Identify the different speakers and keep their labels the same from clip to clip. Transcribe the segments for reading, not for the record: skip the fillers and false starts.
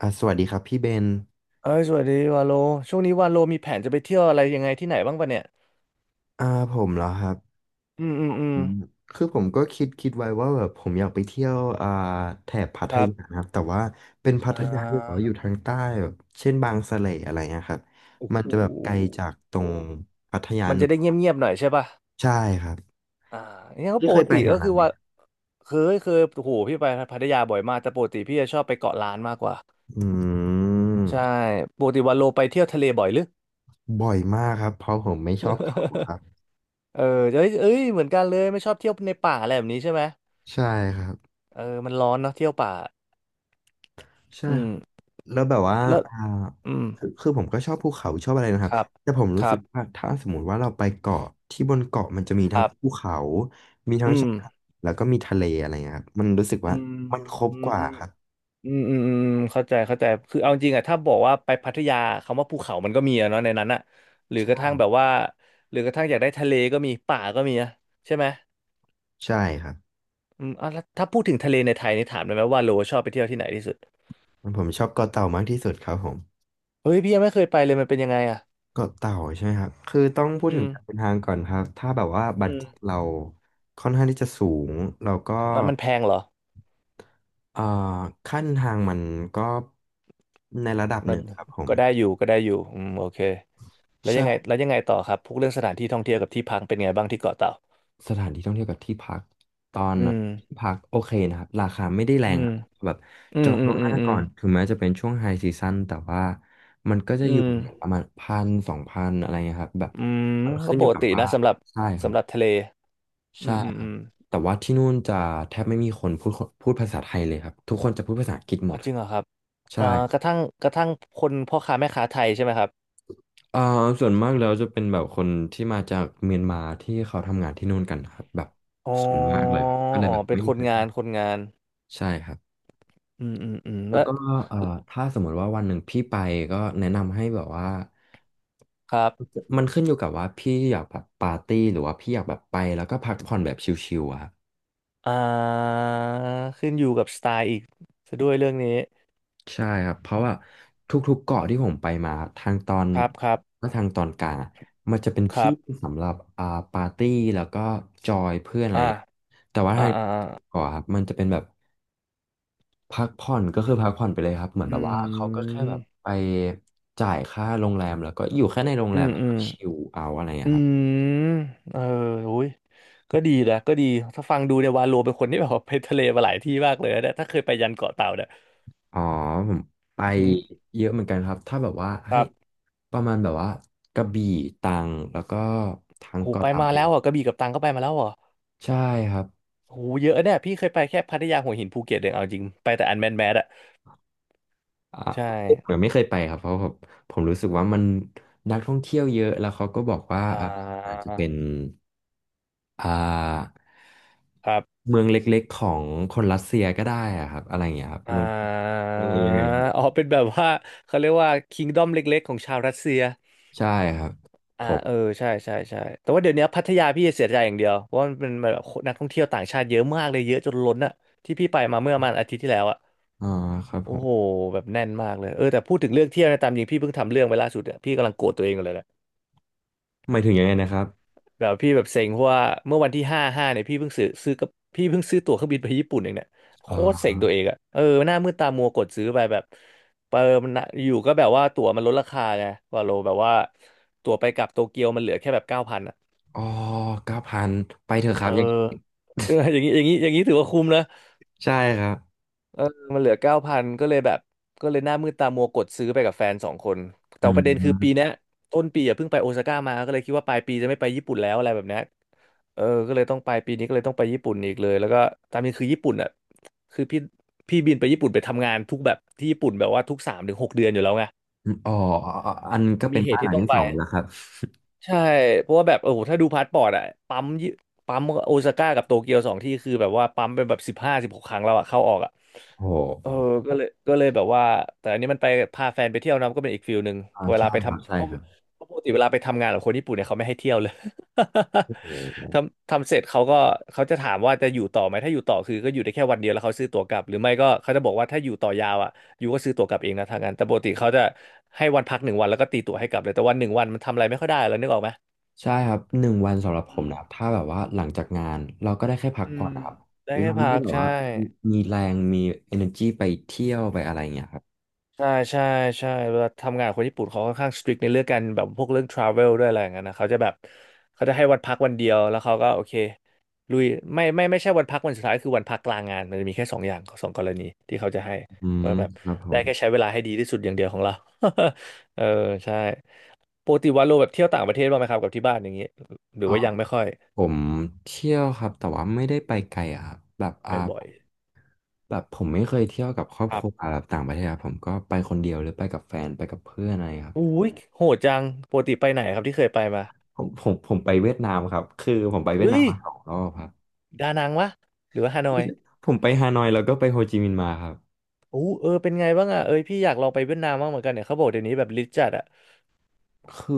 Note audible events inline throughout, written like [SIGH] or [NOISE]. Speaker 1: สวัสดีครับพี่เบน
Speaker 2: เอ้ยสวัสดีวาโล ช่วงนี้วาโลมีแผนจะไปเที่ยวอะไรยังไงที่ไหนบ้างปะเนี่ย
Speaker 1: อ่าผมเหรอครับ
Speaker 2: อืมอืมอืม
Speaker 1: อืมคือผมก็คิดไว้ว่าแบบผมอยากไปเที่ยวแถบพัท
Speaker 2: ครั
Speaker 1: ยา
Speaker 2: บ
Speaker 1: นะครับแต่ว่าเป็นพั
Speaker 2: อ่
Speaker 1: ทยาที่แบบว่า
Speaker 2: า
Speaker 1: อยู่ทางใต้แบบเช่นบางสะเลอะไรเงี้ยครับ
Speaker 2: โอ้
Speaker 1: มั
Speaker 2: โห
Speaker 1: นจะแบบไกลจากตรงพัทยา
Speaker 2: มัน
Speaker 1: เห
Speaker 2: จะ
Speaker 1: นึ่ง
Speaker 2: ได้เงียบๆหน่อยใช่ปะ
Speaker 1: ใช่ครับ
Speaker 2: อ่าเนี่ยก็
Speaker 1: พี่
Speaker 2: ป
Speaker 1: เค
Speaker 2: ก
Speaker 1: ยไป
Speaker 2: ติ
Speaker 1: แถ
Speaker 2: ก็
Speaker 1: วนั้
Speaker 2: คื
Speaker 1: น
Speaker 2: อ
Speaker 1: ไหม
Speaker 2: ว่าเคยเคยโอ้โหพี่ไปพัทยาบ่อยมาก แต่ปกติพี่จะชอบไปเกาะล้านมากกว่า
Speaker 1: อืม
Speaker 2: ใช่ปกติวาโลไปเที่ยวทะเลบ่อยหรือ
Speaker 1: บ่อยมากครับเพราะผมไม่ชอบเขาครับ
Speaker 2: [LAUGHS] เออเอ้ยเอ้ยเหมือนกันเลยไม่ชอบเที่ยวในป่าอะไรแบบนี้ใช่ไหม
Speaker 1: ใช่ครับ
Speaker 2: เออมันร้อนเนาะเที่ยวป่า
Speaker 1: ใช่
Speaker 2: อื
Speaker 1: ครั
Speaker 2: ม
Speaker 1: บแล้วแบบว่า
Speaker 2: แล้ว
Speaker 1: อ่า
Speaker 2: อืม
Speaker 1: คือผมก็ชอบภูเขาชอบอะไรนะครั
Speaker 2: ค
Speaker 1: บ
Speaker 2: รับ
Speaker 1: แต่ผม
Speaker 2: ค
Speaker 1: รู้
Speaker 2: รั
Speaker 1: สึก
Speaker 2: บ
Speaker 1: ว่าถ้าสมมติว่าเราไปเกาะที่บนเกาะมันจะมี
Speaker 2: ค
Speaker 1: ทั้ง
Speaker 2: รับ
Speaker 1: ภูเขามีทั้
Speaker 2: อื
Speaker 1: งชา
Speaker 2: ม
Speaker 1: ยหาดแล้วก็มีทะเลอะไรเงี้ยครับมันรู้สึก
Speaker 2: อื
Speaker 1: ว่า
Speaker 2: ม
Speaker 1: มันครบ
Speaker 2: อืม
Speaker 1: กว่าครับ
Speaker 2: อืมอืมอืมเข้าใจเข้าใจคือเอาจริงอะถ้าบอกว่าไปพัทยาคำว่าภูเขามันก็มีอะเนาะในนั้นอะหรือกระทั่ง
Speaker 1: ใช่
Speaker 2: แบบว่าหรือกระทั่งอยากได้ทะเลก็มีป่าก็มีนะใช่ไหม
Speaker 1: ใช่ครับ
Speaker 2: อืมอ่ะแล้วถ้าพูดถึงทะเลในไทยนี่ถามได้ไหมว่าโลชอบไปเที่ยวที่ไหนที่สุด
Speaker 1: ผมชอบเกาะเต่ามากที่สุดครับผม
Speaker 2: เฮ้ยพี่ยังไม่เคยไปเลยมันเป็นยังไงอะ
Speaker 1: เกาะเต่าใช่ไหมครับคือต้องพูด
Speaker 2: อื
Speaker 1: ถึง
Speaker 2: ม
Speaker 1: การเดินทางก่อนครับถ้าแบบว่าบัต
Speaker 2: อื
Speaker 1: เ
Speaker 2: ม
Speaker 1: เราค่อนข้างที่จะสูงเราก็
Speaker 2: มันมันแพงเหรอ
Speaker 1: เอ่อขั้นทางมันก็ในระดับห
Speaker 2: มัน
Speaker 1: นึ่งครับผม
Speaker 2: ก็ได้อยู่ก็ได้อยู่อืมโอเค
Speaker 1: ใช่
Speaker 2: แล้วยังไงต่อครับพวกเรื่องสถานที่ท่องเที่ยวกับที่พักเป็นไงบ้างที่เกาะเต่า
Speaker 1: สถานที่ท่องเที่ยวกับที่พักตอน
Speaker 2: อืม
Speaker 1: ที่พักโอเคนะครับราคาไม่ได้แร
Speaker 2: อื
Speaker 1: ง
Speaker 2: ม
Speaker 1: ครับแบบ
Speaker 2: อื
Speaker 1: จ
Speaker 2: ม
Speaker 1: อง
Speaker 2: อื
Speaker 1: ล่
Speaker 2: ม
Speaker 1: วงห
Speaker 2: อืม
Speaker 1: น้า
Speaker 2: อื
Speaker 1: ก่
Speaker 2: ม
Speaker 1: อนถึงแม้จะเป็นช่วงไฮซีซั o นแต่ว่ามันก็จะ
Speaker 2: อื
Speaker 1: อยู่
Speaker 2: ม
Speaker 1: ประมาณ1,000-2,000อะไรเงี้ยครับแบบ
Speaker 2: อืม
Speaker 1: มัน
Speaker 2: ก็
Speaker 1: ขึ้นอ
Speaker 2: ป
Speaker 1: ยู่
Speaker 2: ก
Speaker 1: กับ
Speaker 2: ติ
Speaker 1: ว่า
Speaker 2: นะสำหรับ
Speaker 1: ใช่ครั
Speaker 2: สำ
Speaker 1: บ
Speaker 2: หรับทะเลอื
Speaker 1: ใช่
Speaker 2: มอืม
Speaker 1: ครั
Speaker 2: อื
Speaker 1: บ
Speaker 2: ม
Speaker 1: แต่ว่าที่นู่นจะแทบไม่มีคนพูดภาษาไทยเลยครับทุกคนจะพูดภาษาอังกฤษห
Speaker 2: อ๋
Speaker 1: ม
Speaker 2: อ
Speaker 1: ดค
Speaker 2: จริ
Speaker 1: รับ
Speaker 2: งเหรอครับ
Speaker 1: ใช่
Speaker 2: อ่ากระทั่งคนพ่อค้าแม่ค้าไทยใช่ไหมครับ
Speaker 1: เอ่อส่วนมากแล้วจะเป็นแบบคนที่มาจากเมียนมาที่เขาทำงานที่นู่นกันครับแบบ
Speaker 2: อ๋อ
Speaker 1: ส่วนมากเลยก็เลย
Speaker 2: อ๋อ
Speaker 1: แบบ
Speaker 2: เป็น
Speaker 1: ไม่
Speaker 2: ค
Speaker 1: มีใค
Speaker 2: น
Speaker 1: ร
Speaker 2: งา
Speaker 1: พู
Speaker 2: น
Speaker 1: ด
Speaker 2: คนงาน
Speaker 1: ใช่ครับ
Speaker 2: อืมอืมอืม
Speaker 1: แล้
Speaker 2: แล้
Speaker 1: ว
Speaker 2: ว
Speaker 1: ก็เอ่อถ้าสมมติว่าวันหนึ่งพี่ไปก็แนะนำให้แบบว่า
Speaker 2: ครับ
Speaker 1: มันขึ้นอยู่กับว่าพี่อยากแบบปาร์ตี้หรือว่าพี่อยากแบบไปแล้วก็พักผ่อนแบบชิลๆอะครับ
Speaker 2: อ่าขึ้นอยู่กับสไตล์อีกซะด้วยเรื่องนี้
Speaker 1: ใช่ครับเพราะว่าทุกๆเกาะที่ผมไปมาทางตอน
Speaker 2: ครับครับ
Speaker 1: และทางตอนกลางอะมันจะเป็น
Speaker 2: ครั
Speaker 1: ที่
Speaker 2: บ
Speaker 1: สำหรับปาร์ตี้แล้วก็จอยเพื่อนอะไร
Speaker 2: อ่า
Speaker 1: เงี้ยแต่ว่า
Speaker 2: อ่า
Speaker 1: ทาง
Speaker 2: อ่า
Speaker 1: เกาะครับมันจะเป็นแบบ พักผ่อนก็คือพักผ่อนไปเลยครับเหมือน
Speaker 2: อื
Speaker 1: แบ
Speaker 2: ม
Speaker 1: บว่าเขาก็
Speaker 2: อื
Speaker 1: แค่แบบไปจ่ายค่าโรงแรมแล้วก็อยู่แค่ในโรงแรม
Speaker 2: ม
Speaker 1: แล้ว
Speaker 2: อื
Speaker 1: ก็
Speaker 2: ม
Speaker 1: ชิลเอาอะไรอย่างเงี้
Speaker 2: อื
Speaker 1: ยครับ
Speaker 2: มเอออุ้ยก็ดีนะก็ดีถ้าฟังดูเนี่ยวาโลเป็นคนที่แบบว่าไปทะเลมาหลายที่มากเลยนะเนี่ยถ้าเคยไปยันเกาะเต่าเนี่ย
Speaker 1: อ๋อผมไป
Speaker 2: อืม
Speaker 1: เยอะเหมือนกันครับถ้าแบบว่า
Speaker 2: ค
Speaker 1: ให้
Speaker 2: รับ
Speaker 1: ประมาณแบบว่ากระบี่ตรังแล้วก็ทาง
Speaker 2: โห
Speaker 1: เกาะ
Speaker 2: ไป
Speaker 1: เต่า
Speaker 2: มา
Speaker 1: เนี่
Speaker 2: แล้วอ่ะ
Speaker 1: ย
Speaker 2: กระบี่กับตรังก็ไปมาแล้วอ่ะ
Speaker 1: ใช่ครับ
Speaker 2: โหเยอะเนี่ยพี่เคยไปแค่พัทยาหัวหินภูเก็ตเองเอาจริงไปแต่อันแมนแมสอ่ะ
Speaker 1: อ่ะ
Speaker 2: ใช่
Speaker 1: ผมยังไม่เคยไปครับเพราะผมรู้สึกว่ามันนักท่องเที่ยวเยอะแล้วเขาก็บอกว่า
Speaker 2: อ่
Speaker 1: อ่ะอาจ
Speaker 2: า
Speaker 1: จะเป็น อ่า
Speaker 2: ครับ
Speaker 1: เมืองเล็กๆของคนรัสเซียก็ได้อะครับอะไรอย่างเงี้ยครับ
Speaker 2: อ่
Speaker 1: เมือง
Speaker 2: า
Speaker 1: ยังไงยังไง
Speaker 2: อ๋อเป็นแบบว่าเขาเรียกว่าคิงดอมเล็กๆของชาวรัสเซีย
Speaker 1: ใช่ครับผ
Speaker 2: อ่าเออ
Speaker 1: ม
Speaker 2: ใช่ใช่ใช่แต่ว่าเดี๋ยวนี้พัทยาพี่เสียใจอย่างเดียวเพราะว่ามันเป็นแบบนักท่องเที่ยวต่างชาติเยอะมากเลยเยอะจนล้นอะที่พี่ไปมาเมื่อประมาณอาทิตย์ที่แล้วอะ
Speaker 1: อ่าครับผ
Speaker 2: โอ้
Speaker 1: ม
Speaker 2: โหแบบแน่นมากเลยเออแต่พูดถึงเรื่องเที่ยวนะตามจริงพี่เพิ่งทำเรื่องไปล่าสุดอะพี่กำลังโกรธตัวเองอยู่เลยแหละ
Speaker 1: หมายถึงยังไงนะครับ
Speaker 2: แบบพี่แบบเซ็งเพราะว่าเมื่อวันที่5/5เนี่ยพี่เพิ่งซื้อตั๋วเครื่องบินไปญี่ปุ่นเองเนี่ยโคตรเซ็
Speaker 1: อ่า
Speaker 2: งตัวเองอะเออหน้ามืดตามัวกดซื้อไปแบบเปิมนะอยู่ก็แบบว่าตั๋วมันลดราคาไงว่าโลแบบว่าตั๋วไปกลับโตเกียวมันเหลือแค่แบบเก้าพันอะ
Speaker 1: อ๋อ9,000ไปเถอะ
Speaker 2: เอ
Speaker 1: ค
Speaker 2: อ
Speaker 1: รับอย่าง
Speaker 2: เอออย่างนี้อย่างนี้อย่างนี้ถือว่าคุ้มนะ
Speaker 1: ใช่ครับ
Speaker 2: เออมันเหลือเก้าพันก็เลยแบบก็เลยหน้ามืดตามัวกดซื้อไปกับแฟนสองคนแต่
Speaker 1: อื
Speaker 2: ประเด็นคือปี
Speaker 1: ม
Speaker 2: เนี้ยต้นปีอ่ะเพิ่งไปโอซาก้ามาก็เลยคิดว่าปลายปีจะไม่ไปญี่ปุ่นแล้วอะไรแบบเนี้ยเออก็เลยต้องไปปีนี้ก็เลยต้องไปญี่ปุ่นอีกเลยแล้วก็ตามนี้คือญี่ปุ่นอ่ะคือพี่บินไปญี่ปุ่นไปทำงานทุกแบบที่ญี่ปุ่นแบบว่าทุก3-6 เดือนอยู่แล้วไง
Speaker 1: อ๋ออันก็
Speaker 2: มัน
Speaker 1: เป็
Speaker 2: มี
Speaker 1: น
Speaker 2: เห
Speaker 1: บ้าน
Speaker 2: ตุ
Speaker 1: หลั
Speaker 2: ที่
Speaker 1: ง
Speaker 2: ต้อง
Speaker 1: ที่
Speaker 2: ไป
Speaker 1: สองแล้วครับ
Speaker 2: ใช่เพราะว่าแบบโอ้โหถ้าดูพาสปอร์ตอะปั๊มยี่ปั๊มโอซาก้ากับโตเกียวสองที่คือแบบว่าปั๊มเป็นแบบ15-16 ครั้งแล้วอะเข้าออกอะ
Speaker 1: โอ้
Speaker 2: เอ
Speaker 1: โห
Speaker 2: อก็เลยแบบว่าแต่อันนี้มันไปพาแฟนไปเที่ยวนะก็เป็นอีกฟิลหนึ่งเว
Speaker 1: ใช่
Speaker 2: ลาไป
Speaker 1: ครับ
Speaker 2: ทำ
Speaker 1: ใช่
Speaker 2: เพราะ
Speaker 1: ครับ
Speaker 2: เพราะปกติเวลาไปทำงานกับคนญี่ปุ่นเนี่ยเขาไม่ให้เที่ยวเลย
Speaker 1: โอ้โห
Speaker 2: [LAUGHS] ทำเสร็จเขาก็เขาจะถามว่าจะอยู่ต่อไหมถ้าอยู่ต่อคือก็อยู่ได้แค่วันเดียวแล้วเขาซื้อตั๋วกลับหรือไม่ก็เขาจะบอกว่าถ้าอยู่ต่อยาวอะ ยูก็ซื้อตั๋วกลับเองนะทางนั้นแต่ปกติเขาจะให้วันพักหนึ่งวันแล้วก็ตีตั๋วให้กลับเลย แต่วันหนึ่งวันมันทำอะไรไม่ค่อยได้แล้วนึกออกไหม
Speaker 1: ใช่ครับ1 วันสำหรับผ
Speaker 2: อื
Speaker 1: ม
Speaker 2: ม
Speaker 1: นะครับถ้าแบบว่าหลังจากงานเราก็ได้แค่พัก
Speaker 2: อื
Speaker 1: ผ่อ
Speaker 2: ม
Speaker 1: นนะครับ
Speaker 2: ได้
Speaker 1: เรา
Speaker 2: แค่
Speaker 1: ไม่
Speaker 2: พั
Speaker 1: ได้
Speaker 2: ก
Speaker 1: แบบ
Speaker 2: ใช่
Speaker 1: ว่ามีแรงมี energy ไปเที่ยวไปอะไรอย่างเงี้ยครับ
Speaker 2: ใช่ใช่ใช่เวลาทำงานกับคนญี่ปุ่นเขาค่อนข้างสตริกในเรื่องการแบบพวกเรื่องทราเวลด้วยอะไรอย่างเงี้ยนะเขาจะแบบเขาจะให้วันพักวันเดียวแล้วเขาก็โอเคลุยไม่ไม่ไม่ใช่วันพักวันสุดท้ายคือวันพักกลางงานมันจะมีแค่สองอย่างสองกรณีที่เขาจะให้
Speaker 1: อื
Speaker 2: ก็
Speaker 1: ม
Speaker 2: แบบ
Speaker 1: ครับผ
Speaker 2: ได้
Speaker 1: ม
Speaker 2: แค่ใช้เวลาให้ดีที่สุดอย่างเดียวของเรา [LAUGHS] เออใช่ปกติวันโลแบบเที่ยวต่างประเทศบ้างไหมครับกับที่บ้านอย่างนี้หรือ
Speaker 1: อ๋อ
Speaker 2: ว่ายังไม่ค่อย
Speaker 1: ผมเที่ยวครับแต่ว่าไม่ได้ไปไกลอะครับแบบ
Speaker 2: ไม่บ่อย
Speaker 1: แบบผมไม่เคยเที่ยวกับครอบ
Speaker 2: ค
Speaker 1: ค
Speaker 2: รับ
Speaker 1: รัวแบบต่างประเทศครับผมก็ไปคนเดียวหรือไปกับแฟนไปกับเพื่อนอะไรครับ
Speaker 2: อุ้ยโหดจังปกติไปไหนครับที่เคยไปมา
Speaker 1: ผมไปเวียดนามครับคือผมไปเวียด
Speaker 2: เฮ้
Speaker 1: นาม
Speaker 2: ย
Speaker 1: มา2 รอบครับ
Speaker 2: ดานังวะหรือว่าฮานอย
Speaker 1: ผมไปฮานอยแล้วก็ไปโฮจิมินห์มาครับ
Speaker 2: โอ้เออเป็นไงบ้างอ่ะเอ้ยพี่อยากลองไปเวียดนามบ้างเหมือนกันเนี่ยเขาบอกเดี๋ยวนี้แบบลิจัดอ่ะ
Speaker 1: คือ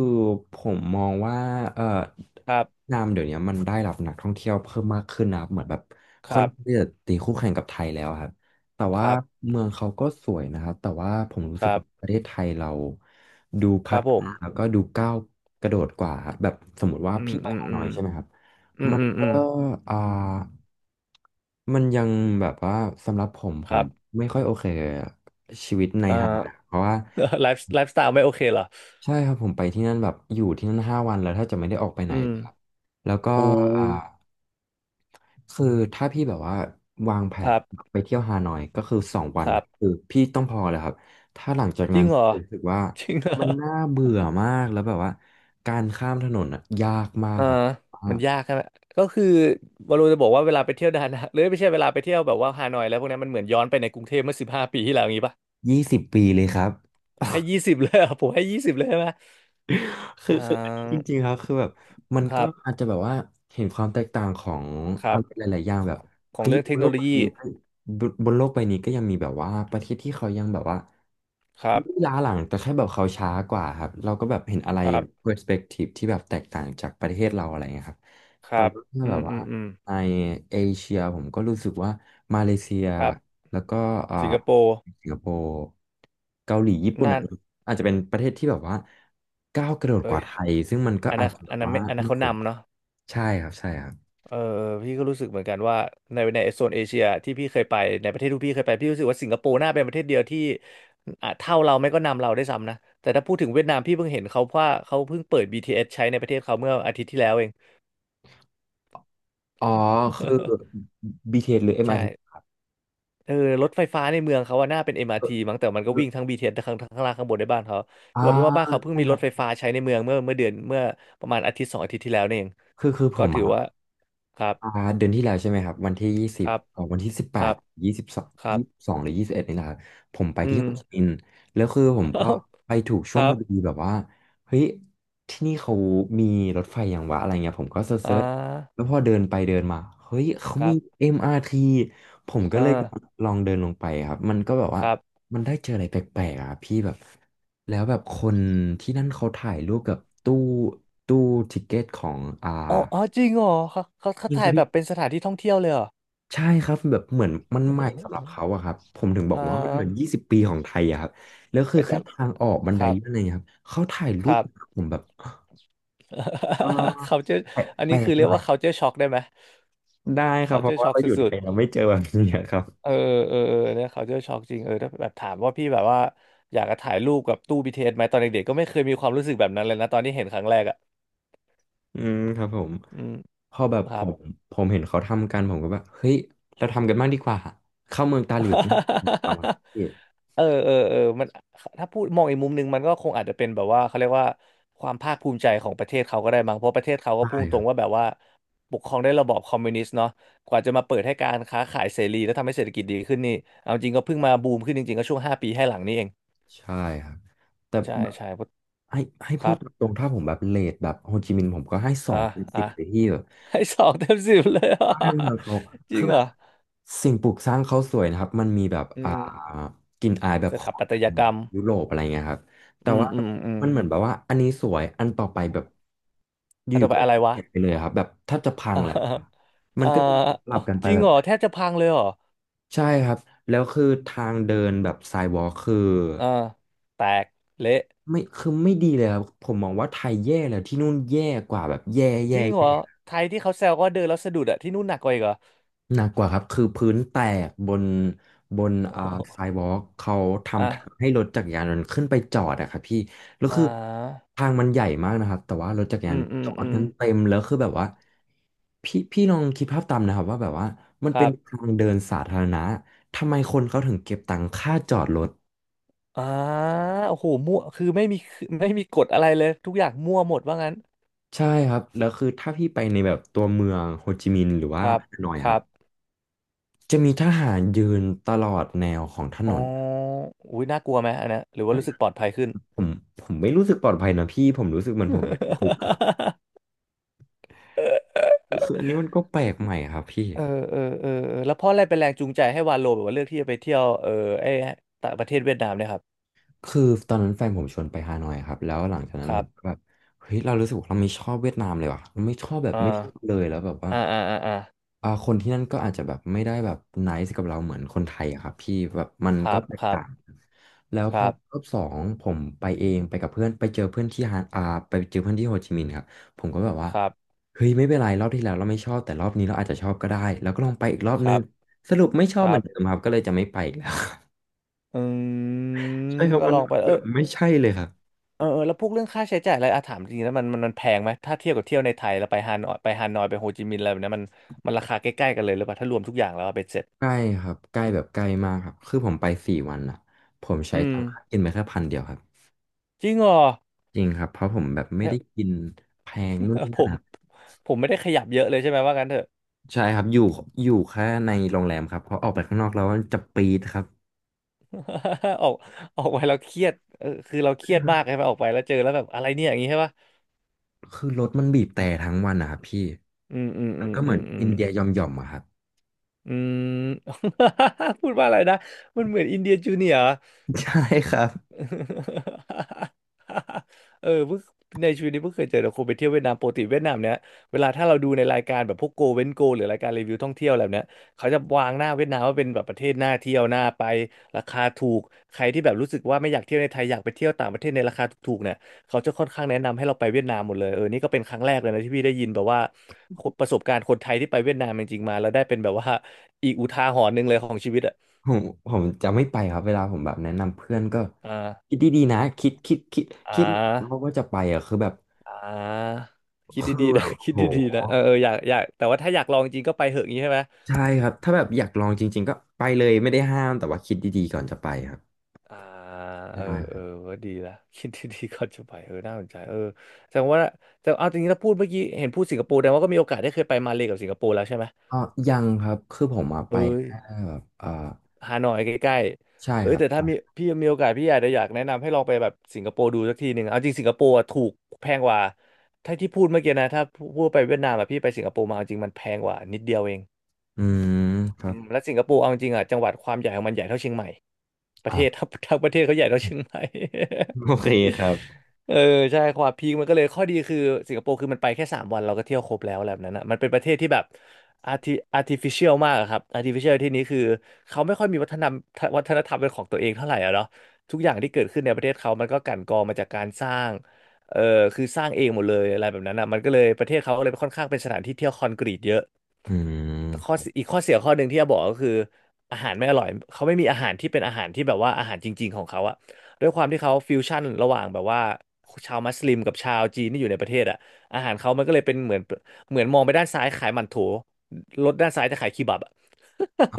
Speaker 1: ผมมองว่าเอ่อเ
Speaker 2: ครั
Speaker 1: วีย
Speaker 2: บ
Speaker 1: ดนามเดี๋ยวนี้มันได้รับนักท่องเที่ยวเพิ่มมากขึ้นนะครับเหมือนแบบ
Speaker 2: ค
Speaker 1: ค่อ
Speaker 2: รั
Speaker 1: นข้างที่
Speaker 2: บ
Speaker 1: จะตีคู่แข่งกับไทยแล้วครับแต่
Speaker 2: ค
Speaker 1: ว่า
Speaker 2: รับ
Speaker 1: เมืองเขาก็สวยนะครับแต่ว่าผมรู้
Speaker 2: ค
Speaker 1: สึก
Speaker 2: รับ
Speaker 1: ว่าประเทศไทยเราดู
Speaker 2: ค
Speaker 1: พั
Speaker 2: รับ
Speaker 1: ฒ
Speaker 2: ผ
Speaker 1: นา
Speaker 2: ม
Speaker 1: แล้วก็ดูก้าวกระโดดกว่าครับแบบสมมติว่า
Speaker 2: อืม
Speaker 1: พี่ไป
Speaker 2: อืม
Speaker 1: ฮา
Speaker 2: อื
Speaker 1: นอ
Speaker 2: ม
Speaker 1: ยใช่ไหมครับ
Speaker 2: อืม
Speaker 1: มัน
Speaker 2: อืมอื
Speaker 1: ก็
Speaker 2: ม
Speaker 1: อ่ามันยังแบบว่าสำหรับผมผ
Speaker 2: ครั
Speaker 1: ม
Speaker 2: บ
Speaker 1: ไม่ค่อยโอเคกับชีวิตใน
Speaker 2: อ่า
Speaker 1: ฮานอยเพราะว่า
Speaker 2: [LAUGHS] ไลฟ์ [LAUGHS] ไลฟ์สไตล์ไม่โอเคเหรอ
Speaker 1: ใช่ครับผมไปที่นั่นแบบอยู่ที่นั่น5 วันแล้วถ้าจะไม่ได้ออกไปไหน
Speaker 2: อืม
Speaker 1: เลยครับแล้วก็
Speaker 2: โอ้
Speaker 1: อ่าคือถ้าพี่แบบว่าวางแผ
Speaker 2: ค
Speaker 1: น
Speaker 2: รับ
Speaker 1: ไปเที่ยวฮานอยก็คือสองวั
Speaker 2: ค
Speaker 1: น
Speaker 2: รับ
Speaker 1: คือพี่ต้องพอแล้วครับถ้าหลังจาก
Speaker 2: จริ
Speaker 1: นั้น
Speaker 2: งเหรอ
Speaker 1: รู้สึกว่า
Speaker 2: [LAUGHS] จริงเหร
Speaker 1: มั
Speaker 2: อ
Speaker 1: นน่าเบื่อมากแล้วแบบว่าการข้ามถนนอ่ะยากมาก
Speaker 2: อ่า
Speaker 1: ครับ
Speaker 2: มันยากใช่ไหมก็คือวาโลจะบอกว่าเวลาไปเที่ยวดานัง [LAUGHS] หรือไม่ใช่เวลาไปเที่ยวแบบว่าฮานอยแล้วพวกนั้นมันเหมือนย้อนไปในกรุงเทพเมื่อ15 ปีที่แล้วอย่างงี้ป่ะ
Speaker 1: 20 ปีเลยครับ
Speaker 2: ให้ยี่สิบเลยอะผมให้ยี่สิบเลยใช่ไหม
Speaker 1: คือ
Speaker 2: อ่
Speaker 1: คืออันนี้จ
Speaker 2: า
Speaker 1: ริงๆครับคือแบบมัน
Speaker 2: ค
Speaker 1: ก็
Speaker 2: รับ
Speaker 1: อาจจะแบบว่าเห็นความแตกต่างของ
Speaker 2: ครั
Speaker 1: อะ
Speaker 2: บ
Speaker 1: ไรหลายๆอย่างแบบ
Speaker 2: ของ
Speaker 1: เฮ้ย
Speaker 2: เรื่องเท
Speaker 1: บ
Speaker 2: ค
Speaker 1: นโล
Speaker 2: โน
Speaker 1: ก
Speaker 2: โล
Speaker 1: ใบ
Speaker 2: ยี
Speaker 1: นี้ก็บนโลกใบนี้ก็ยังมีแบบว่าประเทศที่เขายังแบบว่า
Speaker 2: ครับ
Speaker 1: ล้าหลังแต่แค่แบบเขาช้ากว่าครับเราก็แบบเห็นอะไร
Speaker 2: ครับ
Speaker 1: เ e อร์สเปกทีฟที่แบบแตกต่างจากประเทศเราอะไรเงี้ยครับ
Speaker 2: ค
Speaker 1: แต่
Speaker 2: รับ
Speaker 1: ว่าถ้า
Speaker 2: อื
Speaker 1: แบ
Speaker 2: ม
Speaker 1: บ
Speaker 2: อื
Speaker 1: ว่า
Speaker 2: มอืม
Speaker 1: ในเอเชียผมก็รู้สึกว่ามาเลเซีย
Speaker 2: ครับ
Speaker 1: แล้วก็อ่า
Speaker 2: สิงคโปร์
Speaker 1: สิงคโปร์เกาหลีญี่ปุ่น
Speaker 2: น่า
Speaker 1: อ่ะ
Speaker 2: น
Speaker 1: อาจจะเป็นประเทศที่แบบว่าก้าวกระโดด
Speaker 2: เล
Speaker 1: ก
Speaker 2: ย
Speaker 1: ว่าไทยซึ่งมันก็
Speaker 2: อัน
Speaker 1: อาจ
Speaker 2: นั้น
Speaker 1: จะแบ
Speaker 2: อั
Speaker 1: บ
Speaker 2: นนั้น
Speaker 1: ว่า
Speaker 2: ไม่อันนั้น
Speaker 1: น่า
Speaker 2: เขา
Speaker 1: สน
Speaker 2: นำเนาะ
Speaker 1: ใช่ครับใช่ครับ
Speaker 2: เออพี่ก็รู้สึกเหมือนกันว่าในในโซนเอเชียที่พี่เคยไปในประเทศที่พี่เคยไปพี่รู้สึกว่าสิงคโปร์น่าเป็นประเทศเดียวที่อ่ะเท่าเราไม่ก็นำเราได้วยซ้ำนะแต่ถ้าพูดถึงเวียดนามพี่เพิ่งเห็นเขาว่าเขาเพิ่งเปิดบีทีเอสใช้ในประเทศเขาเมื่ออาทิตย์ที่แล้วเอง
Speaker 1: อ๋อคือ BTS หรือ
Speaker 2: [LAUGHS] ใช่
Speaker 1: MRT อ
Speaker 2: เออรถไฟฟ้าในเมืองเขาว่าน่าเป็นเอ t มอาร์ทีมั้งแต่มันก็
Speaker 1: มอา
Speaker 2: วิ่ง
Speaker 1: ร์ที
Speaker 2: ทั้ง BTS ทเอสทั้งข้างข้างล่างข้างบนในบ้านเขา
Speaker 1: อ่า
Speaker 2: คือเอาเป็นว่าบ้านเขาเพิ่ง
Speaker 1: ใช่
Speaker 2: มี
Speaker 1: ค
Speaker 2: ร
Speaker 1: รั
Speaker 2: ถ
Speaker 1: บ
Speaker 2: ไฟฟ้าใช้ในเมืองเมื่อเมื่อเดือนเมื่อประมาณอาทิตย์2 อาทิตย์ที่แล้วนี่เอง
Speaker 1: คือผ
Speaker 2: ก็
Speaker 1: ม
Speaker 2: ถือ
Speaker 1: อะ
Speaker 2: ว่าครับ
Speaker 1: อ่าเดือนที่แล้วใช่ไหมครับวันที่ยี่สิ
Speaker 2: ค
Speaker 1: บ
Speaker 2: รับ
Speaker 1: ออกวันที่สิบ
Speaker 2: ค
Speaker 1: แป
Speaker 2: รั
Speaker 1: ด
Speaker 2: บ
Speaker 1: ยี่สิบสอง
Speaker 2: ครั
Speaker 1: ยี่
Speaker 2: บ
Speaker 1: สิบสองหรือยี่สิบเอ็ดนี่แหละครับผมไป
Speaker 2: อื
Speaker 1: ที่
Speaker 2: ม
Speaker 1: โฮจิมินห์แล้วคือผม
Speaker 2: [LAUGHS] เอ้า
Speaker 1: ก็ไปถูก
Speaker 2: ค
Speaker 1: ช่วง
Speaker 2: รั
Speaker 1: พอดี
Speaker 2: บ
Speaker 1: แบบว่าเฮ้ยที่นี่เขามีรถไฟอย่างวะอะไรเงี้ยผมก็เซิ
Speaker 2: อ่า
Speaker 1: ร์ชๆแล้วพอเดินไปเดินมาเฮ้ยเขา
Speaker 2: ครั
Speaker 1: มี
Speaker 2: บ
Speaker 1: MRT ผมก็
Speaker 2: อ
Speaker 1: เลย
Speaker 2: ่า
Speaker 1: ลองเดินลงไปครับมันก็แบบว่า
Speaker 2: ครับ
Speaker 1: มันได้เจออะไรแปลกๆอ่ะพี่แบบ แล้วแบบคนที่นั่นเขาถ่ายรูปกับตู้ทิกเก็ตของ
Speaker 2: อ๋ออ๋อจริงเหรอเขา
Speaker 1: จริงค
Speaker 2: ถ่า
Speaker 1: รั
Speaker 2: ย
Speaker 1: บ
Speaker 2: แบ
Speaker 1: พี่
Speaker 2: บเป็นสถานที่ท่องเที่ยวเลยเหรอ
Speaker 1: ใช่ครับแบบเหมือนมันใหม่สำหรับเขาอะครับผมถึงบ
Speaker 2: [LAUGHS]
Speaker 1: อก
Speaker 2: อ่า
Speaker 1: ว่ามันเหมือน20 ปีของไทยอะครับแล้วคือ
Speaker 2: ไม่
Speaker 1: แค่
Speaker 2: แต่
Speaker 1: ทางออกบัน
Speaker 2: ค
Speaker 1: ได
Speaker 2: รับ
Speaker 1: เลื่อนอะไรเงี้ยครับเขาถ่าย
Speaker 2: ค
Speaker 1: รูป
Speaker 2: รับ
Speaker 1: กับผมแบบ่
Speaker 2: [LAUGHS] เขาจะ
Speaker 1: แปลก
Speaker 2: อัน
Speaker 1: แปล
Speaker 2: นี้คื
Speaker 1: ก
Speaker 2: อเรีย
Speaker 1: ให
Speaker 2: ก
Speaker 1: ม่
Speaker 2: ว่าเขาเจอช็อกได้ไหม
Speaker 1: ได้ครับ
Speaker 2: เขา
Speaker 1: เพ
Speaker 2: เจ
Speaker 1: ราะ
Speaker 2: อ
Speaker 1: ว่า
Speaker 2: ช็อก
Speaker 1: เรา
Speaker 2: ส
Speaker 1: อยู่ไท
Speaker 2: ุด
Speaker 1: ยเราไม่เจอแบบนี้ครับ
Speaker 2: เออเออเออเนี่ย culture shock จริงเออถ้าแบบถามว่าพี่แบบว่าอยากจะถ่ายรูปกับตู้บีทีเ t สไหมตอนเด็กๆก็ไม่เคยมีความรู้สึกแบบนั้นเลยนะตอนที่เห็นครั้งแรกอ่ะ
Speaker 1: อืมครับผม
Speaker 2: อืม
Speaker 1: พอแบบ
Speaker 2: ค
Speaker 1: ผ
Speaker 2: รับ
Speaker 1: มผมเห็นเขาทำกันผมก็แบบเฮ้ยเราทำกันบ้างดีกว่าเข้าเมืองตาหลิวต้องทำอะไร
Speaker 2: [LAUGHS] เออเออเออมันถ้าพูดมองอีกมุมหนึ่งมันก็คงอาจจะเป็นแบบว่าเขาเรียกว่าความภาคภูมิใจของประเทศเขาก็ได้มั้งเพราะประเทศเขาก็
Speaker 1: ใช่
Speaker 2: พุ่งต
Speaker 1: ค
Speaker 2: ร
Speaker 1: รั
Speaker 2: ง
Speaker 1: บ
Speaker 2: ว่าแบบว่าปกครองด้วยระบอบคอมมิวนิสต์เนาะกว่าจะมาเปิดให้การค้าขายเสรีและทำให้เศรษฐกิจดีขึ้นนี่เอาจริงก็เพิ่งมาบูมขึ้นจริงๆก็ช่วงห้าปีให้หลังนี้เอง
Speaker 1: ใช่ครับแต่
Speaker 2: ใช่
Speaker 1: แบบ
Speaker 2: ใช่
Speaker 1: ให้ให้
Speaker 2: ค
Speaker 1: พูด
Speaker 2: รับ
Speaker 1: ตรงๆถ้าผมแบบเลทแบบโฮจิมินห์ผมก็ให้สอ
Speaker 2: อ่ะ
Speaker 1: งเป็น
Speaker 2: อ่ะ
Speaker 1: สิบเลยที่แบบ
Speaker 2: ให้2 เต็ม 10เลยอ่ะ
Speaker 1: บ้านเมืองเขา
Speaker 2: [LAUGHS] จริ
Speaker 1: คื
Speaker 2: ง
Speaker 1: อ
Speaker 2: เห
Speaker 1: แบ
Speaker 2: รอ
Speaker 1: บสิ่งปลูกสร้างเขาสวยนะครับมันมีแบบ
Speaker 2: อืม
Speaker 1: กลิ่นอายแบบ
Speaker 2: ส
Speaker 1: ขอ
Speaker 2: ถา
Speaker 1: ง
Speaker 2: ปัต
Speaker 1: ทา
Speaker 2: ย
Speaker 1: ง
Speaker 2: กรรม
Speaker 1: ยุโรปอะไรเงี้ยครับแต่
Speaker 2: อืม
Speaker 1: ว่า
Speaker 2: อืมอืม
Speaker 1: มันเหมือนแบบว่าอันนี้สวยอันต่อไปแบบอ
Speaker 2: อันต่
Speaker 1: ยู่
Speaker 2: อ
Speaker 1: ๆ
Speaker 2: ไป
Speaker 1: ก็
Speaker 2: อะไร
Speaker 1: เป
Speaker 2: วะ
Speaker 1: ลี่ยนไปเลยครับแบบแทบจะพั
Speaker 2: [LAUGHS]
Speaker 1: ง
Speaker 2: อ่า
Speaker 1: เลยครับมั
Speaker 2: อ่า
Speaker 1: นก็จะสลั
Speaker 2: อ๋อ
Speaker 1: บกันไป
Speaker 2: จริง
Speaker 1: แบบ
Speaker 2: เหรอแทบจะพังเลยเหรอ
Speaker 1: ใช่ครับแล้วคือทางเดินแบบไซวอล์คคือ
Speaker 2: อ่าแตก เละ
Speaker 1: ไม่คือไม่ดีเลยครับผมมองว่าไทยแย่แล้วที่นู่นแย่กว่าแบบแย่
Speaker 2: จ
Speaker 1: แย่
Speaker 2: ริงเหร
Speaker 1: แย่
Speaker 2: อไทยที่เขาแซวก็เดินแล้วสะดุดอะที่นู่นหนักกว่าอีกเหรอ
Speaker 1: หนักกว่าครับคือพื้นแตกบน
Speaker 2: โอ้
Speaker 1: อ่า
Speaker 2: โห
Speaker 1: ไซ
Speaker 2: [LAUGHS]
Speaker 1: วอล์กเขาทำทาง
Speaker 2: อ่ะ
Speaker 1: ให้รถจักรยานยนต์ขึ้นไปจอดอะครับพี่แล้ว
Speaker 2: อ่
Speaker 1: คือ
Speaker 2: า
Speaker 1: ทางมันใหญ่มากนะครับแต่ว่ารถจักรยา
Speaker 2: อื
Speaker 1: น
Speaker 2: มอื
Speaker 1: จ
Speaker 2: ม
Speaker 1: อด
Speaker 2: อืม
Speaker 1: กันเต็มแล้วคือแบบว่าพี่ลองคิดภาพตามนะครับว่าแบบว่ามัน
Speaker 2: ค
Speaker 1: เป็
Speaker 2: รั
Speaker 1: นทา
Speaker 2: บ
Speaker 1: งเดินสาธารณะทำไมคนเขาถึงเก็บตังค่าจอดรถ
Speaker 2: อ่าโอ้โหมั่วคือไม่มีไม่มีกฎอะไรเลยทุกอย่างมั่วหมดว่างั้น
Speaker 1: ใช่ครับแล้วคือถ้าพี่ไปในแบบตัวเมืองโฮจิมินห์หรือ
Speaker 2: ค
Speaker 1: ว่า
Speaker 2: รับ
Speaker 1: ฮานอย
Speaker 2: ค
Speaker 1: ครั
Speaker 2: รั
Speaker 1: บ
Speaker 2: บ
Speaker 1: จะมีทหารยืนตลอดแนวของถ
Speaker 2: อ๋
Speaker 1: น
Speaker 2: อ
Speaker 1: น
Speaker 2: อุ้ยน่ากลัวไหมอันเนี้ยหรือว่ารู้สึกปลอดภัยขึ้น
Speaker 1: ผมผมไม่รู้สึกปลอดภัยนะพี่ผมรู้สึกเหมือนผมอยู่ในคุกครับ
Speaker 2: [LAUGHS] เ
Speaker 1: คืออันนี้มันก็แปลกใหม่ครับพี่
Speaker 2: ออเออเออเออแล้วเพราะอะไรเป็นแรงจูงใจให้วาโลแบบว่าเลือกที่จะไปเที่ยวเออไอ้ต่างประเทศเวียดนามเนี่ยครับ
Speaker 1: คือตอนนั้นแฟนผมชวนไปฮานอยครับแล้วหลังจากนั้
Speaker 2: ค
Speaker 1: นผ
Speaker 2: รั
Speaker 1: มก็
Speaker 2: บ
Speaker 1: แบบเฮ้ยเรารู้สึกว่าเราไม่ชอบเวียดนามเลยว่ะเราไม่ชอบแบบ
Speaker 2: อ่า
Speaker 1: ไม่ชอบเลยแล้วแบบว่า
Speaker 2: อ่าอ่าอ่าอ่า
Speaker 1: คนที่นั่นก็อาจจะแบบไม่ได้แบบไนซ์กับเราเหมือนคนไทยอะครับพี่แบบมัน
Speaker 2: ค
Speaker 1: ก็
Speaker 2: รับ
Speaker 1: แตก
Speaker 2: ครับ
Speaker 1: ต่าง แล้ว
Speaker 2: ค
Speaker 1: พอ
Speaker 2: รับ
Speaker 1: รอบสองผมไปเองไปกับเพื่อนไปเจอเพื่อนที่โฮจิมินห์ครับผมก็แบบว่า
Speaker 2: ครับ
Speaker 1: เฮ้ยไม่เป็นไรรอบที่แล้วเราไม่ชอบแต่รอบนี้เราอาจจะชอบก็ได้แล้วก็ลองไปอีกรอบ
Speaker 2: ค
Speaker 1: นึ
Speaker 2: รั
Speaker 1: ง
Speaker 2: บ
Speaker 1: สรุปไม่ชอ
Speaker 2: ค
Speaker 1: บเห
Speaker 2: รั
Speaker 1: มือ
Speaker 2: บ
Speaker 1: นเดิมครับก็เลยจะไม่ไปอีกแล้ว
Speaker 2: อืม
Speaker 1: [LAUGHS] ใช่ครับ
Speaker 2: ก็
Speaker 1: มั
Speaker 2: ล
Speaker 1: น
Speaker 2: องไปเอ
Speaker 1: แบ
Speaker 2: อ
Speaker 1: บไม่ใช่เลยครับ
Speaker 2: เออเออแล้วพวกเรื่องค่าใช้จ่ายอะไรอาถามจริงๆแล้วมันแพงไหมถ้าเทียบกับเที่ยวในไทยแล้วไปฮานอยไปโฮจิมินห์อะไรแบบเนี้ยมันมันราคาใกล้ๆกันเลยหรือเปล่าถ้ารวมทุกอย่างแล้วอะเป็นเสร็จ
Speaker 1: ใกล้ครับใกล้แบบใกล้มากครับคือผมไป4 วันอ่ะผมใช้
Speaker 2: อืม
Speaker 1: ตังค่ากินไปแค่พันเดียวครับ
Speaker 2: จริงเหรอ
Speaker 1: จริงครับเพราะผมแบบไม่
Speaker 2: แล้
Speaker 1: ได้
Speaker 2: ว
Speaker 1: กินแพงนู่นนี่
Speaker 2: [LAUGHS] ผ
Speaker 1: นั่น
Speaker 2: ม
Speaker 1: ครับ
Speaker 2: ผมไม่ได้ขยับเยอะเลยใช่ไหมว่างั้นเถอะ
Speaker 1: ใช่ครับอยู่แค่ในโรงแรมครับเพราะออกไปข้างนอกแล้วมันจะปีดครับ
Speaker 2: [LAUGHS] ออกออกไปแล้วเครียดเออคือเราเครียดมากใช่ไหมออกไปแล้วเจอแล้วแบบอะไรเนี่ยอย่างงี้ใช่ปะ
Speaker 1: คือรถมันบีบแต่ทั้งวันนะครับพี่
Speaker 2: อืมอืม
Speaker 1: มั
Speaker 2: อื
Speaker 1: น
Speaker 2: ม
Speaker 1: ก็เห
Speaker 2: อื
Speaker 1: มือ
Speaker 2: ม
Speaker 1: น
Speaker 2: อืม
Speaker 1: อินเดียยอมยอมอะครับ
Speaker 2: อืม [LAUGHS] พูดว่าอะไรนะมันเหมือนอินเดียจูเนียร์
Speaker 1: [LAUGHS] ใช่ครับ
Speaker 2: [LAUGHS] เออเพิ่งในชีวิตนี้เพิ่งเคยเจอแต่คนไปเที่ยวเวียดนามปกติเวียดนามเนี้ยเวลาถ้าเราดูในรายการแบบพวกโกเว้นโกหรือรายการรีวิวท่องเที่ยวอะไรแบบเนี้ยเขาจะวางหน้าเวียดนามว่าเป็นแบบประเทศน่าเที่ยวน่าไปราคาถูกใครที่แบบรู้สึกว่าไม่อยากเที่ยวในไทยอยากไปเที่ยวต่างประเทศในราคาถูกๆเนี่ยเขาจะค่อนข้างแนะนำให้เราไปเวียดนามหมดเลยเออนี่ก็เป็นครั้งแรกเลยนะที่พี่ได้ยินแบบว่า [LAUGHS] คนประสบการณ์คนไทยที่ไปเวียดนามจริงๆมาแล้วได้เป็นแบบว่าอีกอุทาหรณ์หนึ่งเลยของชีวิตอ่ะ
Speaker 1: ผมจะไม่ไปครับเวลาผมแบบแนะนำเพื่อนก็
Speaker 2: อ่า
Speaker 1: คิดดีๆนะ
Speaker 2: อ่
Speaker 1: คิดหลายรอบ
Speaker 2: า
Speaker 1: ว่าจะไปอะคือแบบ
Speaker 2: อ่าคิดดีๆนะ [LAUGHS] คิด
Speaker 1: โห
Speaker 2: ดีๆนะเออเอออยากแต่ว่าถ้าอยากลองจริงก็ไปเหอะงนี้ใช่ไหม
Speaker 1: ใช่ครับถ้าแบบอยากลองจริงๆก็ไปเลยไม่ได้ห้ามแต่ว่าคิดดีๆก่อนจะไปครับ
Speaker 2: อ่าเออ
Speaker 1: ใช่ค
Speaker 2: เอ
Speaker 1: รั
Speaker 2: อ
Speaker 1: บ
Speaker 2: ก็ดีละ [LAUGHS] คิดดีๆก่อนจะไปเออน่าสนใจเออแสดงว่าแสดงเอาจริงๆถ้าพูดเมื่อกี้เห็นพูดสิงคโปร์แต่ว่าก็มีโอกาสได้เคยไปมาเลกับสิงคโปร์แล้วใช่ไหม
Speaker 1: อ๋อยังครับคือผมอะไป
Speaker 2: เอ้ย
Speaker 1: แค่แบบเออ
Speaker 2: ฮานอยใกล้
Speaker 1: ใช่
Speaker 2: ๆเอ้
Speaker 1: ค
Speaker 2: ย
Speaker 1: รับ
Speaker 2: แต่ถ้า
Speaker 1: ใช่
Speaker 2: มีพี่มีโอกาสพี่อาจจะอยากแนะนำให้ลองไปแบบสิงคโปร์ดูสักทีหนึ่งเอาจริงสิงคโปร์อะถูกแพงกว่าถ้าที่พูดเมื่อกี้นะถ้าพูดไปเวียดนามอะพี่ไปสิงคโปร์มาเอาจริงมันแพงกว่านิดเดียวเอง
Speaker 1: อืมค
Speaker 2: อื
Speaker 1: รับ
Speaker 2: มและสิงคโปร์เอาจริงๆอ่ะจังหวัดความใหญ่ของมันใหญ่เท่าเชียงใหม่ประเท
Speaker 1: อ่ะ
Speaker 2: ศ [LAUGHS] ทั้งประเทศเขาใหญ่เท่าเชียงใหม่
Speaker 1: [LAUGHS] โอเคครับ
Speaker 2: เออใช่ความพีคมันก็เลยข้อดีคือสิงคโปร์คือมันไปแค่3 วันเราก็เที่ยวครบแล้วอะไรแบบนั้นนะมันเป็นประเทศที่แบบ arti artificial มากอะครับ artificial ที่นี้คือเขาไม่ค่อยมีวัฒนธรรมเป็นของตัวเองเท่าไหร่อะเนาะทุกอย่างที่เกิดขึ้นในประเทศเขามันก็กลั่นกรองมาจากการสร้างเออคือสร้างเองหมดเลยอะไรแบบนั้นนะมันก็เลยประเทศเขาก็เลยค่อนข้างเป็นสถานที่เที่ยวคอนกรีตเยอะ
Speaker 1: อืม
Speaker 2: อีกข้อเสียข้อหนึ่งที่จะบอกก็คืออาหารไม่อร่อยเขาไม่มีอาหารที่เป็นอาหารที่แบบว่าอาหารจริงๆของเขาอะ ด้วยความที่เขาฟิวชั่นระหว่างแบบว่าชาวมัสลิมกับชาวจีนที่อยู่ในประเทศอ่ะอาหารเขามันก็เลยเป็นเหมือนมองไปด้านซ้ายขายหมั่นโถรถด้านซ้ายจะขายคีบับอ่ะ
Speaker 1: อ่า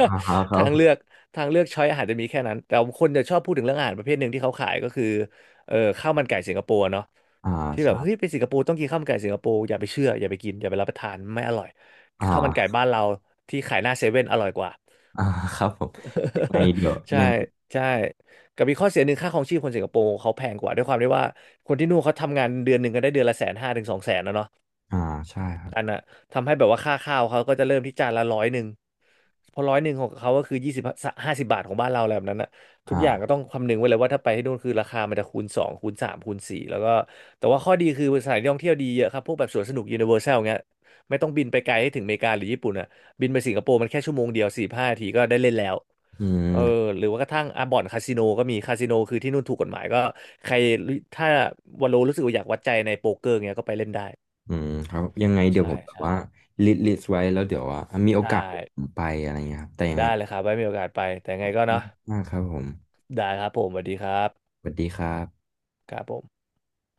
Speaker 1: ค รั
Speaker 2: ทา
Speaker 1: บ
Speaker 2: ง
Speaker 1: ผ
Speaker 2: เลือก
Speaker 1: ม
Speaker 2: ทางเลือกช้อยอาหารจะมีแค่นั้นแต่คนจะชอบพูดถึงเรื่องอาหารประเภทหนึ่งที่เขาขายก็คือเออข้าวมันไก่สิงคโปร์เนาะ
Speaker 1: อ่า
Speaker 2: ที่แบบ
Speaker 1: ใช่
Speaker 2: เฮ้ยไปสิงคโปร์ต้องกินข้าวมันไก่สิงคโปร์อย่าไปเชื่ออย่าไปกินอย่าไปรับประทานไม่อร่อย
Speaker 1: อ่า
Speaker 2: ข้าวมันไก่บ้าน
Speaker 1: [LAUGHS]
Speaker 2: เราที่ขายหน้าเซเว่นอร่อยกว่า
Speaker 1: อ่าครับผมยังไง
Speaker 2: [LAUGHS]
Speaker 1: เดี๋ยว
Speaker 2: ใช่
Speaker 1: ยัง
Speaker 2: ใช่กับมีข้อเสียหนึ่งค่าครองชีพคนสิงคโปร์เขาแพงกว่าด้วยความที่ว่าคนที่นู่นเขาทำงานเดือนหนึ่งก็ได้เดือนละ150,000 ถึง 200,000นะเนาะ
Speaker 1: อ่าใช่ครับ
Speaker 2: อันน่ะทำให้แบบว่าค่าข้าวเขาก็จะเริ่มที่จานละร้อยหนึ่งเพอร้อยหนึ่งของเขาก็คือ20 ถึง 50 บาทของบ้านเราอะไรแบบนั้นน่ะทุก
Speaker 1: อ่า
Speaker 2: อย่างก็ต้องคำนึงไว้เลยว่าถ้าไปให้นู่นคือราคามันจะคูณสองคูณสามคูณสี่แล้วก็แต่ว่าข้อดีคือสถานที่ท่องเที่ยวดีเยอะครับพวกแบบสวนสนุกยูนิเวอร์แซลเงี้ยไม่ต้องบินไปไกลให้ถึงอเมริกาหรือญี่ปุ่นอ่ะบินไปสิงคโปร์มันแค่ชั่วโมงเดียว4-5 นาทีก็ได้เล่นแล้ว
Speaker 1: อื
Speaker 2: เออ
Speaker 1: ม
Speaker 2: หรือว่ากระทั่งอ่ะบ่อนคาสิโนก็มีคาสิโนคือที่นู่นถูกกฎหมายก็ใครถ้าวาโลรู้สึกว่าอยากวัดใจในโป๊กเกอร์เงี้ยก็ไปเล่นได้
Speaker 1: อืมครับยังไงเดี๋ยว
Speaker 2: ใช่
Speaker 1: ผมแบบ
Speaker 2: ใช่
Speaker 1: ว่าลิสต์ไว้แล้วเดี๋ยวว่ามีโอกา
Speaker 2: ได้
Speaker 1: สเดี๋ยวผมไปอะไรเงี้ยครับแต่ยังไง
Speaker 2: ได้เลยครับไว้มีโอกาสไปแต่ไงก็เนาะ
Speaker 1: มากครับผม
Speaker 2: ได้ครับผมสวัสดีครับ
Speaker 1: สวัสดีครับ
Speaker 2: ครับผม